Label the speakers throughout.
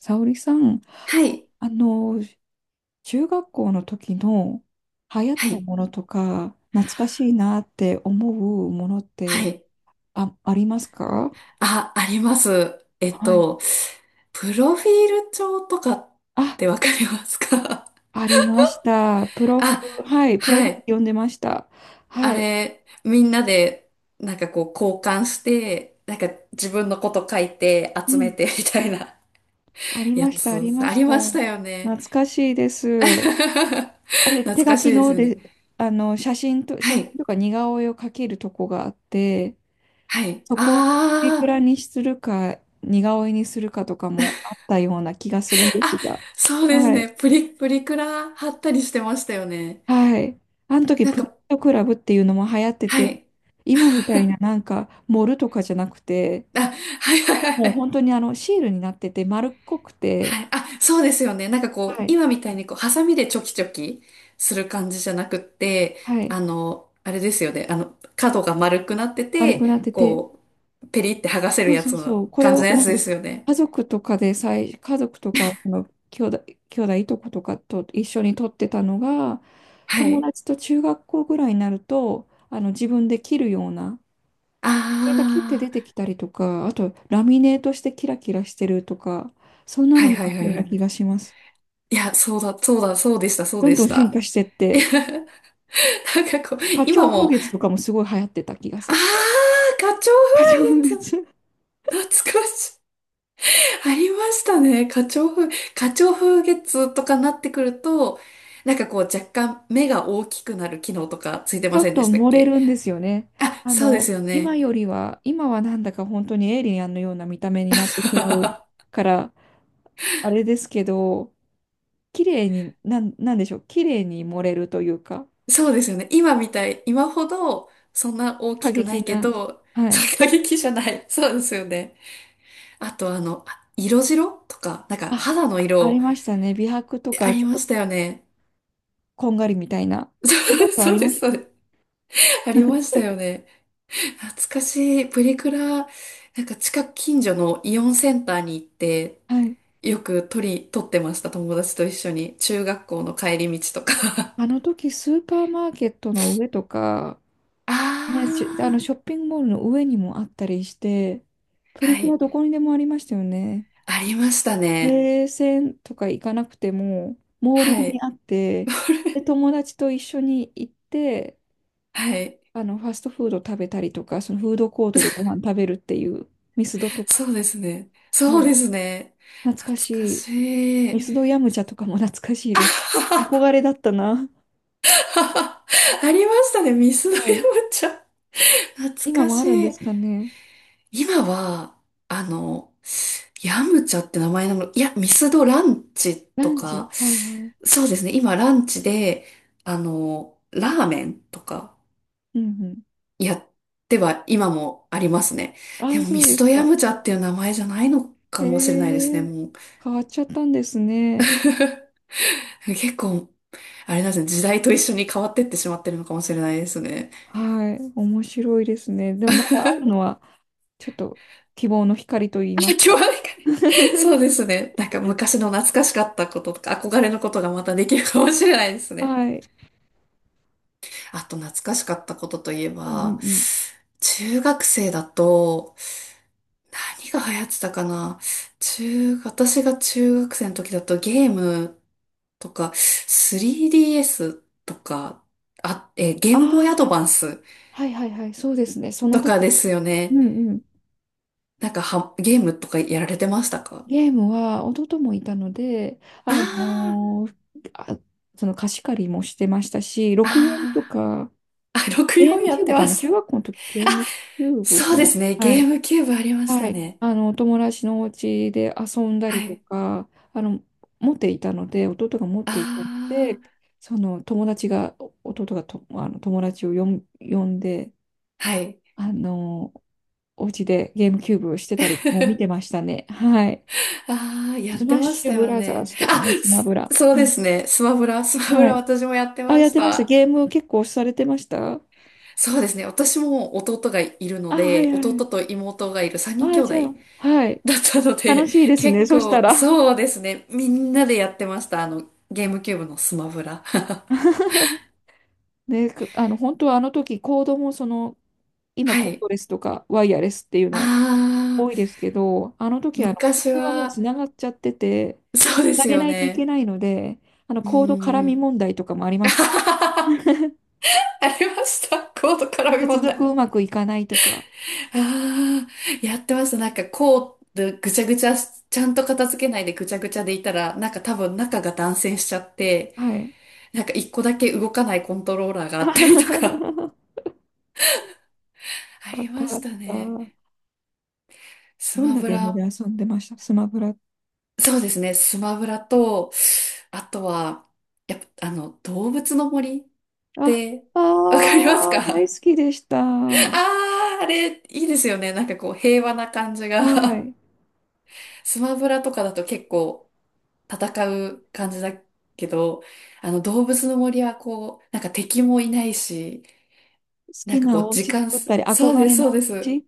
Speaker 1: 沙織さん、
Speaker 2: はい、
Speaker 1: あの、中学校の時の流行っ
Speaker 2: は
Speaker 1: た
Speaker 2: い、
Speaker 1: ものとか、懐かしいなって思うものっ
Speaker 2: は
Speaker 1: て、
Speaker 2: い。
Speaker 1: ありますか？
Speaker 2: あ、あります。
Speaker 1: はい。
Speaker 2: プロフィール帳とかってわ
Speaker 1: あ、
Speaker 2: かりますか？
Speaker 1: ありました。プ ロフ、
Speaker 2: あ、
Speaker 1: はい、プロ
Speaker 2: は
Speaker 1: フ
Speaker 2: い。
Speaker 1: 読んでました。
Speaker 2: あ
Speaker 1: はい。
Speaker 2: れ、みんなで、こう交換して、なんか自分のこと書いて
Speaker 1: う
Speaker 2: 集め
Speaker 1: ん。
Speaker 2: てみたいな
Speaker 1: あ り
Speaker 2: や
Speaker 1: ました、あり
Speaker 2: つ、
Speaker 1: ま
Speaker 2: あ
Speaker 1: し
Speaker 2: りま
Speaker 1: た。
Speaker 2: したよ
Speaker 1: 懐
Speaker 2: ね。
Speaker 1: かしいで す。あれ、
Speaker 2: 懐
Speaker 1: 手書
Speaker 2: かしい
Speaker 1: き
Speaker 2: です
Speaker 1: の
Speaker 2: よね。
Speaker 1: で、写真と、写
Speaker 2: は
Speaker 1: 真
Speaker 2: い、
Speaker 1: とか似顔絵を描けるとこがあって、
Speaker 2: はい。
Speaker 1: そこをいく
Speaker 2: あー、
Speaker 1: らにするか、似顔絵にするかとかもあったような気がするんです
Speaker 2: あ、
Speaker 1: が。
Speaker 2: そうです
Speaker 1: は
Speaker 2: ね。
Speaker 1: い。
Speaker 2: プリクラ貼ったりしてましたよね。
Speaker 1: はい。あの時、
Speaker 2: なん
Speaker 1: プリン
Speaker 2: か、
Speaker 1: トクラブっていうのも流行って
Speaker 2: は
Speaker 1: て、
Speaker 2: い。
Speaker 1: 今みたいななんか、盛るとかじゃなくて、
Speaker 2: あ、はいはいはい
Speaker 1: もう
Speaker 2: はい。
Speaker 1: 本当にシールになってて、丸っこくて、
Speaker 2: あ、そうですよね。なんかこ
Speaker 1: は
Speaker 2: う、
Speaker 1: い。
Speaker 2: 今みたいにこう、ハサミでチョキチョキする感じじゃなくって、
Speaker 1: はい。
Speaker 2: あれですよね。角が丸くなって
Speaker 1: 丸
Speaker 2: て、
Speaker 1: くなってて、
Speaker 2: こう、ペリって剥がせる
Speaker 1: そう
Speaker 2: や
Speaker 1: そう
Speaker 2: つの
Speaker 1: そう。これ
Speaker 2: 感じ
Speaker 1: を、
Speaker 2: のや
Speaker 1: なん
Speaker 2: つ
Speaker 1: か、
Speaker 2: で
Speaker 1: ね
Speaker 2: すよね。
Speaker 1: 家族とかでさい、家族とか、その兄弟、いとことかと一緒に撮ってたのが、
Speaker 2: は
Speaker 1: 友
Speaker 2: い。
Speaker 1: 達と中学校ぐらいになると、自分で切るような、
Speaker 2: あ
Speaker 1: これが切って出
Speaker 2: あ、
Speaker 1: てきたりとか、あと、ラミネートしてキラキラしてるとか、そんな
Speaker 2: は
Speaker 1: の
Speaker 2: い
Speaker 1: も
Speaker 2: は
Speaker 1: あっ
Speaker 2: い
Speaker 1: た
Speaker 2: は
Speaker 1: よう
Speaker 2: いは
Speaker 1: な気が
Speaker 2: い。
Speaker 1: します。
Speaker 2: いや、そうだ、そうだ、そうでした、そう
Speaker 1: ど
Speaker 2: で
Speaker 1: んど
Speaker 2: し
Speaker 1: ん進化
Speaker 2: た。
Speaker 1: してっ
Speaker 2: いや、
Speaker 1: て、
Speaker 2: なんかこう、
Speaker 1: 花
Speaker 2: 今
Speaker 1: 鳥風
Speaker 2: も、
Speaker 1: 月とかもすごい流行ってた気が
Speaker 2: あ
Speaker 1: す
Speaker 2: あ、
Speaker 1: る。
Speaker 2: 花鳥風
Speaker 1: 花鳥風
Speaker 2: 月、
Speaker 1: 月
Speaker 2: 懐かしい。ありましたね。花鳥風月とかなってくると、なんかこう若干目が大きくなる機能とかついて
Speaker 1: ちょ
Speaker 2: ませ
Speaker 1: っ
Speaker 2: んで
Speaker 1: と
Speaker 2: したっ
Speaker 1: 漏れ
Speaker 2: け？
Speaker 1: るんですよね。
Speaker 2: あ、そうですよ
Speaker 1: 今
Speaker 2: ね。
Speaker 1: よりは、今はなんだか本当にエイリアンのような見た目になってしまう から、あれですけど、綺麗に、なんでしょう、綺麗に漏れるというか、
Speaker 2: そうですよね。今みたい、今ほどそんな大
Speaker 1: 過
Speaker 2: きくな
Speaker 1: 激
Speaker 2: いけ
Speaker 1: な、
Speaker 2: ど、
Speaker 1: はい。
Speaker 2: 過激じゃない。そうですよね。あとあの、あ色白とか、なんか
Speaker 1: あ、
Speaker 2: 肌の
Speaker 1: あり
Speaker 2: 色
Speaker 1: ましたね。美白と
Speaker 2: あ
Speaker 1: か、ち
Speaker 2: り
Speaker 1: ょっ
Speaker 2: ま
Speaker 1: と
Speaker 2: したよね。
Speaker 1: こんがりみたいな。そんなこ とあ
Speaker 2: そうそ
Speaker 1: り
Speaker 2: うで
Speaker 1: ま
Speaker 2: す、
Speaker 1: した。
Speaker 2: そうです。ありましたよね。懐かしい。プリクラ、なんか近く近所のイオンセンターに行って、
Speaker 1: はい。
Speaker 2: よく撮り、撮ってました。友達と一緒に。中学校の帰り道とか。
Speaker 1: あの時、スーパーマーケットの上とか、
Speaker 2: あ
Speaker 1: ね、しあの
Speaker 2: ー、
Speaker 1: ショッピングモールの上にもあったりして、プリ
Speaker 2: は
Speaker 1: クラ
Speaker 2: い。
Speaker 1: どこにでもありましたよね。
Speaker 2: ありましたね。
Speaker 1: ゲーセとか行かなくても、モール
Speaker 2: は
Speaker 1: に
Speaker 2: い。
Speaker 1: あって、で、友達と一緒に行って、
Speaker 2: はい。
Speaker 1: ファストフード食べたりとか、そのフードコートでご飯食べるっていう、ミスドとか、
Speaker 2: そうですね。そう
Speaker 1: はい。
Speaker 2: ですね。
Speaker 1: 懐かし
Speaker 2: 懐か
Speaker 1: い。
Speaker 2: し
Speaker 1: ミ
Speaker 2: い。
Speaker 1: スドヤムチャとかも懐かしいです。憧 れだったな。
Speaker 2: ありましたね。ミスド山
Speaker 1: はい。
Speaker 2: ちゃん。懐
Speaker 1: 今
Speaker 2: か
Speaker 1: もあ
Speaker 2: し
Speaker 1: るんで
Speaker 2: い。
Speaker 1: すかね。
Speaker 2: 今は、あの、ヤムチャって名前なの、いや、ミスドランチ
Speaker 1: ラ
Speaker 2: と
Speaker 1: ンチ。
Speaker 2: か、
Speaker 1: はいはい。
Speaker 2: そうですね、今ランチで、あの、ラーメンとか
Speaker 1: うんうん。
Speaker 2: やっては今もありますね。
Speaker 1: あ
Speaker 2: で
Speaker 1: あ、
Speaker 2: も
Speaker 1: そ
Speaker 2: ミ
Speaker 1: うで
Speaker 2: ス
Speaker 1: す
Speaker 2: ドヤ
Speaker 1: か。
Speaker 2: ムチャっていう名前じゃないのか
Speaker 1: へ
Speaker 2: もしれないですね、
Speaker 1: え、
Speaker 2: もう。
Speaker 1: 変わっちゃったんですね。
Speaker 2: 結構、あれなんですね、時代と一緒に変わってってしまってるのかもしれないですね。
Speaker 1: はい。面白いですね。でもまだあるのは、ちょっと希望の光と言い
Speaker 2: あ、
Speaker 1: ま
Speaker 2: 今
Speaker 1: す
Speaker 2: 日は
Speaker 1: か。
Speaker 2: なんかね、そう ですね、なんか昔の懐かしかったこととか憧れのことがまたできるかもしれないですね。
Speaker 1: はい。
Speaker 2: あと懐かしかったことといえ
Speaker 1: うんうん
Speaker 2: ば、
Speaker 1: うん。
Speaker 2: 中学生だと、何が流行ってたかな。私が中学生の時だとゲームとか、3DS とか、ゲ
Speaker 1: あ
Speaker 2: ームボーイ
Speaker 1: あ、
Speaker 2: アド
Speaker 1: はい。
Speaker 2: バンス
Speaker 1: はいはいはい。そうですね。その
Speaker 2: とかで
Speaker 1: 時。
Speaker 2: すよ
Speaker 1: う
Speaker 2: ね。
Speaker 1: んうん。
Speaker 2: なんかは、ゲームとかやられてましたか？
Speaker 1: ゲームは弟もいたので、あ
Speaker 2: あ
Speaker 1: のーあ、その貸し借りもしてましたし、6年と
Speaker 2: あ
Speaker 1: か、
Speaker 2: ー、あーあ、
Speaker 1: ゲー
Speaker 2: 64
Speaker 1: ム
Speaker 2: や
Speaker 1: キュ
Speaker 2: っ
Speaker 1: ー
Speaker 2: て
Speaker 1: ブか
Speaker 2: ま
Speaker 1: な
Speaker 2: し
Speaker 1: 中
Speaker 2: た。
Speaker 1: 学校の時、ゲームキューブ
Speaker 2: そう
Speaker 1: か
Speaker 2: で
Speaker 1: な
Speaker 2: すね。
Speaker 1: は
Speaker 2: ゲー
Speaker 1: い。
Speaker 2: ムキューブありまし
Speaker 1: は
Speaker 2: た
Speaker 1: い、
Speaker 2: ね。
Speaker 1: お友達のお家で遊んだ
Speaker 2: は
Speaker 1: りと
Speaker 2: い。
Speaker 1: か、あの、持っていたので、弟が持っ
Speaker 2: あ
Speaker 1: ていたので、その友達が、弟がと、あの友達を呼んで、
Speaker 2: あ、はい。
Speaker 1: あの、お家でゲームキューブをしてたりもう見てましたね。はい。
Speaker 2: ああ、やっ
Speaker 1: スマ
Speaker 2: て
Speaker 1: ッ
Speaker 2: まし
Speaker 1: シュ
Speaker 2: た
Speaker 1: ブ
Speaker 2: よ
Speaker 1: ラザー
Speaker 2: ね。
Speaker 1: ズとかね、スマブラ。
Speaker 2: そう
Speaker 1: は
Speaker 2: で
Speaker 1: い。
Speaker 2: すね。スマブ
Speaker 1: は
Speaker 2: ラ
Speaker 1: い。
Speaker 2: 私もやって
Speaker 1: あ、
Speaker 2: ま
Speaker 1: やっ
Speaker 2: し
Speaker 1: てました。
Speaker 2: た。
Speaker 1: ゲーム結構されてました？
Speaker 2: そうですね。私も弟がいるの
Speaker 1: あ、はい
Speaker 2: で、
Speaker 1: は
Speaker 2: 弟
Speaker 1: い。
Speaker 2: と妹がいる3人兄
Speaker 1: あ、
Speaker 2: 弟
Speaker 1: じゃあ、はい。
Speaker 2: だったの
Speaker 1: 楽
Speaker 2: で、
Speaker 1: しいです
Speaker 2: 結
Speaker 1: ね。そした
Speaker 2: 構、
Speaker 1: ら。
Speaker 2: そうですね。みんなでやってました。あの、ゲームキューブのスマブラ。
Speaker 1: で、く本当はあの時コードもその、今
Speaker 2: は
Speaker 1: コード
Speaker 2: い。
Speaker 1: レスとかワイヤレスっていう
Speaker 2: あ
Speaker 1: の多いで
Speaker 2: あ、
Speaker 1: すけど、あの時あのコー
Speaker 2: 昔
Speaker 1: ドはもう
Speaker 2: は、
Speaker 1: つながっちゃってて、
Speaker 2: そ
Speaker 1: つ
Speaker 2: うで
Speaker 1: な
Speaker 2: す
Speaker 1: げ
Speaker 2: よ
Speaker 1: ないといけ
Speaker 2: ね。
Speaker 1: ないので、あの
Speaker 2: う
Speaker 1: コード
Speaker 2: んう
Speaker 1: 絡み
Speaker 2: ん。
Speaker 1: 問題とかもあり ま
Speaker 2: あ
Speaker 1: した。
Speaker 2: はははは ありました。コード絡み
Speaker 1: 接
Speaker 2: 問
Speaker 1: 続
Speaker 2: 題。
Speaker 1: うまくいかないとか。
Speaker 2: ああ、やってました。なんかこうぐちゃぐちゃ、ちゃんと片付けないでぐちゃぐちゃでいたら、なんか多分中が断線しちゃって、
Speaker 1: はい。
Speaker 2: なんか一個だけ動かないコントローラーがあったりとか、あ
Speaker 1: あ
Speaker 2: り
Speaker 1: っ
Speaker 2: ま
Speaker 1: たあ
Speaker 2: し
Speaker 1: っ
Speaker 2: たね。
Speaker 1: た。
Speaker 2: ス
Speaker 1: どん
Speaker 2: マ
Speaker 1: な
Speaker 2: ブ
Speaker 1: ゲームで
Speaker 2: ラ。
Speaker 1: 遊んでましたスマブラ。
Speaker 2: そうですね。スマブラと、あとは、やっぱ、あの、動物の森っ
Speaker 1: あ、
Speaker 2: て、わかります
Speaker 1: ああ、
Speaker 2: か？
Speaker 1: 大好
Speaker 2: あ
Speaker 1: きでした。は
Speaker 2: あ、あれ、いいですよね。なんかこう、平和な感じが。
Speaker 1: い。
Speaker 2: スマブラとかだと結構、戦う感じだけど、あの動物の森はこう、なんか敵もいないし、
Speaker 1: 好
Speaker 2: な
Speaker 1: き
Speaker 2: んかこ
Speaker 1: な
Speaker 2: う
Speaker 1: お
Speaker 2: 時
Speaker 1: 家
Speaker 2: 間
Speaker 1: 作った
Speaker 2: す、
Speaker 1: り、
Speaker 2: そう
Speaker 1: 憧
Speaker 2: で
Speaker 1: れ
Speaker 2: す、
Speaker 1: の
Speaker 2: そうで
Speaker 1: お
Speaker 2: す。
Speaker 1: 家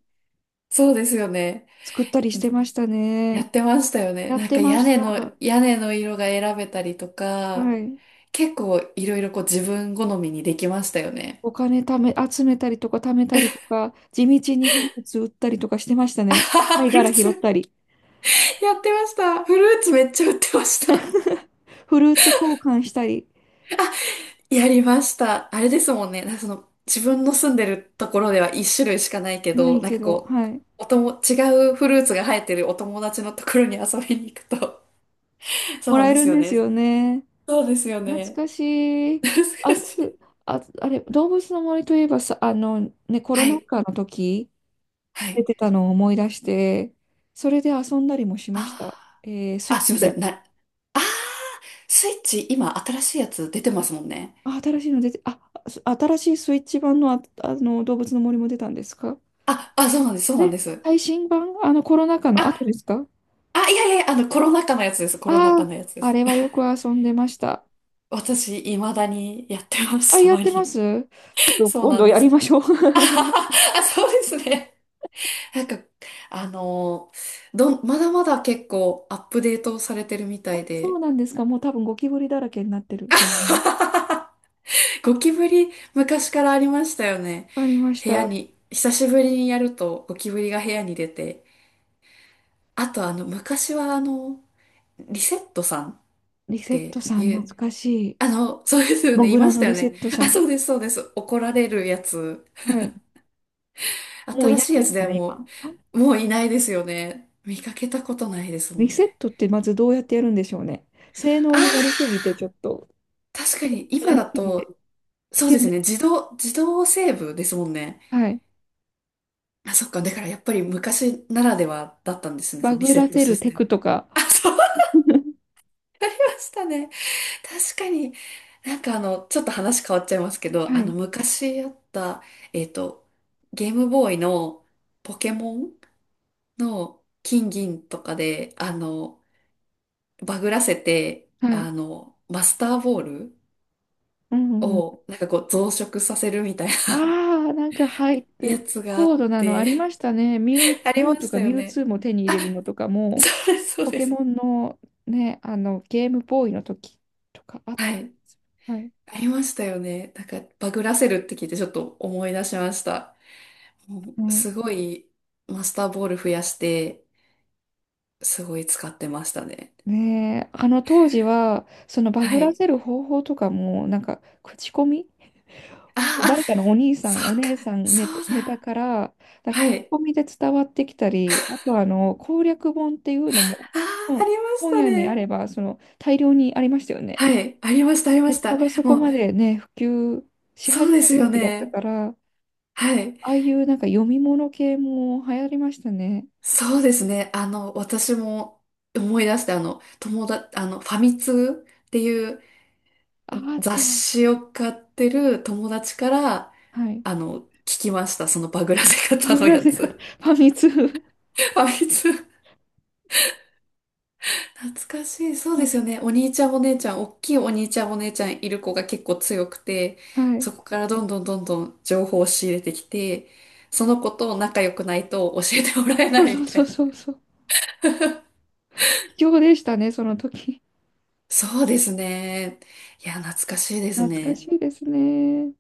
Speaker 2: そうですよね。
Speaker 1: 作ったりしてました
Speaker 2: や
Speaker 1: ね。
Speaker 2: ってましたよね。
Speaker 1: やっ
Speaker 2: なん
Speaker 1: て
Speaker 2: か
Speaker 1: ま
Speaker 2: 屋
Speaker 1: し
Speaker 2: 根
Speaker 1: た。
Speaker 2: の、屋根の色が選べたりとか、
Speaker 1: はい。
Speaker 2: 結構いろいろこう自分好みにできましたよね。
Speaker 1: お金貯め、集めたりとか貯めたりとか、地道にフルーツ売ったりとかしてました
Speaker 2: あ
Speaker 1: ね。
Speaker 2: はは、
Speaker 1: 貝
Speaker 2: フル
Speaker 1: 殻
Speaker 2: ー
Speaker 1: 拾
Speaker 2: ツ、
Speaker 1: ったり、
Speaker 2: やってました。フルーツめっちゃ売ってました。
Speaker 1: フルーツ交換したり、
Speaker 2: やりました。あれですもんね。なんかその、自分の住んでるところでは一種類しかないけ
Speaker 1: な
Speaker 2: ど、
Speaker 1: い
Speaker 2: なん
Speaker 1: け
Speaker 2: か
Speaker 1: ど、
Speaker 2: こ
Speaker 1: は
Speaker 2: う、
Speaker 1: い。
Speaker 2: おとも、違うフルーツが生えてるお友達のところに遊びに行くと。そう
Speaker 1: も
Speaker 2: な
Speaker 1: ら
Speaker 2: ん
Speaker 1: え
Speaker 2: で
Speaker 1: る
Speaker 2: す
Speaker 1: ん
Speaker 2: よ
Speaker 1: です
Speaker 2: ね。
Speaker 1: よね。
Speaker 2: そうですよ
Speaker 1: 懐
Speaker 2: ね。
Speaker 1: かし い。
Speaker 2: 懐
Speaker 1: あ、
Speaker 2: かしい。
Speaker 1: あれ、動物の森といえばさ、ね、コロ
Speaker 2: は
Speaker 1: ナ
Speaker 2: い。
Speaker 1: 禍の時、
Speaker 2: は
Speaker 1: 出
Speaker 2: い。
Speaker 1: てたのを思い出して、それで遊んだりもしました。
Speaker 2: あ
Speaker 1: ス
Speaker 2: ー、
Speaker 1: イ
Speaker 2: あ、
Speaker 1: ッチ
Speaker 2: すいません。
Speaker 1: で。
Speaker 2: あスイッチ今新しいやつ出てますもんね。
Speaker 1: あ、新しいの出て、あ、す新しいスイッチ版の、あ、あの動物の森も出たんですか？
Speaker 2: あ、あ、そうなんです。そうなん
Speaker 1: え、
Speaker 2: です。
Speaker 1: 最新版あのコロナ禍の後
Speaker 2: あ、
Speaker 1: ですか？
Speaker 2: あ、いやいやいや、あの、コロナ禍のやつです。コロナ
Speaker 1: ああ
Speaker 2: 禍の
Speaker 1: ー、
Speaker 2: やつで
Speaker 1: あ
Speaker 2: す。
Speaker 1: れはよく遊んでました。
Speaker 2: 私、未だにやってま
Speaker 1: あ、
Speaker 2: す。た
Speaker 1: やっ
Speaker 2: ま
Speaker 1: てま
Speaker 2: に。
Speaker 1: す？ちょっ と
Speaker 2: そう
Speaker 1: 今
Speaker 2: な
Speaker 1: 度
Speaker 2: んで
Speaker 1: やり
Speaker 2: す。
Speaker 1: ましょう。
Speaker 2: あは は、あ、そうですね。なんか、あのーどん、まだまだ結構アップデートされてるみたい
Speaker 1: そう
Speaker 2: で、
Speaker 1: なんですか？もう多分ゴキブリだらけになってると思う。
Speaker 2: ゴキブリ昔からありましたよね。
Speaker 1: わかりまし
Speaker 2: 部屋
Speaker 1: た。
Speaker 2: に、久しぶりにやるとゴキブリが部屋に出て、あとあの、昔はあの、リセットさんっ
Speaker 1: リセット
Speaker 2: て
Speaker 1: さん、
Speaker 2: いう、
Speaker 1: 懐かしい。
Speaker 2: あの、そうですよ
Speaker 1: モ
Speaker 2: ね、い
Speaker 1: グ
Speaker 2: ま
Speaker 1: ラ
Speaker 2: し
Speaker 1: の
Speaker 2: たよ
Speaker 1: リセ
Speaker 2: ね。
Speaker 1: ットさ
Speaker 2: あ、
Speaker 1: ん。
Speaker 2: そうです、そうです。怒られるやつ。
Speaker 1: はい。もうい
Speaker 2: 新
Speaker 1: ない
Speaker 2: しいや
Speaker 1: で
Speaker 2: つ
Speaker 1: すか
Speaker 2: では
Speaker 1: ね、
Speaker 2: も
Speaker 1: 今。
Speaker 2: う、もういないですよね。見かけたことないですも
Speaker 1: リ
Speaker 2: ん
Speaker 1: セッ
Speaker 2: ね。
Speaker 1: トってまずどうやってやるんでしょうね。性
Speaker 2: あ、
Speaker 1: 能になりすぎて、ちょっと、
Speaker 2: 確かに
Speaker 1: な
Speaker 2: 今
Speaker 1: り
Speaker 2: だ
Speaker 1: すぎて、
Speaker 2: と、
Speaker 1: 危
Speaker 2: そうで
Speaker 1: 険
Speaker 2: すね、自動セーブですもんね。
Speaker 1: はい。
Speaker 2: あ、そっか、だからやっぱり昔ならではだったんですね、そ
Speaker 1: バ
Speaker 2: のリ
Speaker 1: グ
Speaker 2: セ
Speaker 1: ら
Speaker 2: ット
Speaker 1: せ
Speaker 2: シ
Speaker 1: る
Speaker 2: ス
Speaker 1: テ
Speaker 2: テム。
Speaker 1: クとか。
Speaker 2: あ、そうでしたね。確かに、なんかあの、ちょっと話変わっちゃいますけど、
Speaker 1: は
Speaker 2: あの、
Speaker 1: い。
Speaker 2: 昔あった、えっと、ゲームボーイのポケモンの金銀とかで、あの、バグらせて、
Speaker 1: はい。
Speaker 2: あの、マスターボール
Speaker 1: うんうん。
Speaker 2: を、なんかこう増殖させるみたいな
Speaker 1: ああ、なんか、はい。
Speaker 2: やつがあ
Speaker 1: 高
Speaker 2: っ
Speaker 1: 度なのあり
Speaker 2: て、
Speaker 1: ましたね。ミュウ、
Speaker 2: あり
Speaker 1: ミュ
Speaker 2: ま
Speaker 1: ウと
Speaker 2: し
Speaker 1: か
Speaker 2: たよ
Speaker 1: ミュウ
Speaker 2: ね。
Speaker 1: ツーも手に入
Speaker 2: あ、
Speaker 1: れるのとかも、
Speaker 2: そうです、そう
Speaker 1: ポ
Speaker 2: で
Speaker 1: ケ
Speaker 2: す。
Speaker 1: モンのね、ゲームボーイの時とかあった
Speaker 2: は
Speaker 1: り
Speaker 2: い。
Speaker 1: する。はい。
Speaker 2: ありましたよね。なんか、バグらせるって聞いてちょっと思い出しました。も
Speaker 1: は
Speaker 2: う
Speaker 1: い
Speaker 2: すごい、マスターボール増やして、すごい使ってましたね。
Speaker 1: ねえ、あの当時は、そのバグ
Speaker 2: は
Speaker 1: ら
Speaker 2: い。
Speaker 1: せる方法とかも、なんか、口コミ。
Speaker 2: あ
Speaker 1: そう
Speaker 2: あ、
Speaker 1: 誰かのお兄さ
Speaker 2: そ
Speaker 1: ん、お
Speaker 2: っか、
Speaker 1: 姉さんネ
Speaker 2: そ
Speaker 1: タ、
Speaker 2: う
Speaker 1: ネタ
Speaker 2: だ。
Speaker 1: から、なん
Speaker 2: は
Speaker 1: か口
Speaker 2: い。
Speaker 1: コミで伝わってきたり、あとあの攻略本っていうのも、
Speaker 2: ああ、あ
Speaker 1: 本、
Speaker 2: りまし
Speaker 1: 本
Speaker 2: た
Speaker 1: 屋にあ
Speaker 2: ね。
Speaker 1: ればその大量にありましたよね。
Speaker 2: はい。ありました、ありま
Speaker 1: ネ
Speaker 2: し
Speaker 1: ット
Speaker 2: た。
Speaker 1: がそこ
Speaker 2: もう、
Speaker 1: までね、普及し
Speaker 2: そ
Speaker 1: 始
Speaker 2: うで
Speaker 1: め
Speaker 2: す
Speaker 1: る
Speaker 2: よ
Speaker 1: 時だった
Speaker 2: ね。
Speaker 1: から、あ
Speaker 2: はい。
Speaker 1: あいうなんか読み物系も流行りましたね。
Speaker 2: そうですね。あの、私も思い出して、あの、ファミ通っていう、
Speaker 1: ああった。
Speaker 2: 雑誌を買ってる友達から、
Speaker 1: はい。
Speaker 2: あの、聞きました。そのバグらせ
Speaker 1: パ
Speaker 2: 方
Speaker 1: グ
Speaker 2: の
Speaker 1: ら
Speaker 2: や
Speaker 1: せ方、フ
Speaker 2: つ。
Speaker 1: ァミ通。
Speaker 2: あいつ、懐かしい。そうですよね。おっきいお兄ちゃんお姉ちゃんいる子が結構強くて、
Speaker 1: はい。
Speaker 2: そこからどんどんどんどん情報を仕入れてきて、その子と仲良くないと教えてもらえな
Speaker 1: そう
Speaker 2: い
Speaker 1: そ
Speaker 2: み
Speaker 1: う
Speaker 2: た
Speaker 1: そう
Speaker 2: いな。
Speaker 1: そうそう。貴重でしたね、その時。
Speaker 2: そうですね。いや、懐かしいです
Speaker 1: 懐か
Speaker 2: ね。
Speaker 1: しいですね。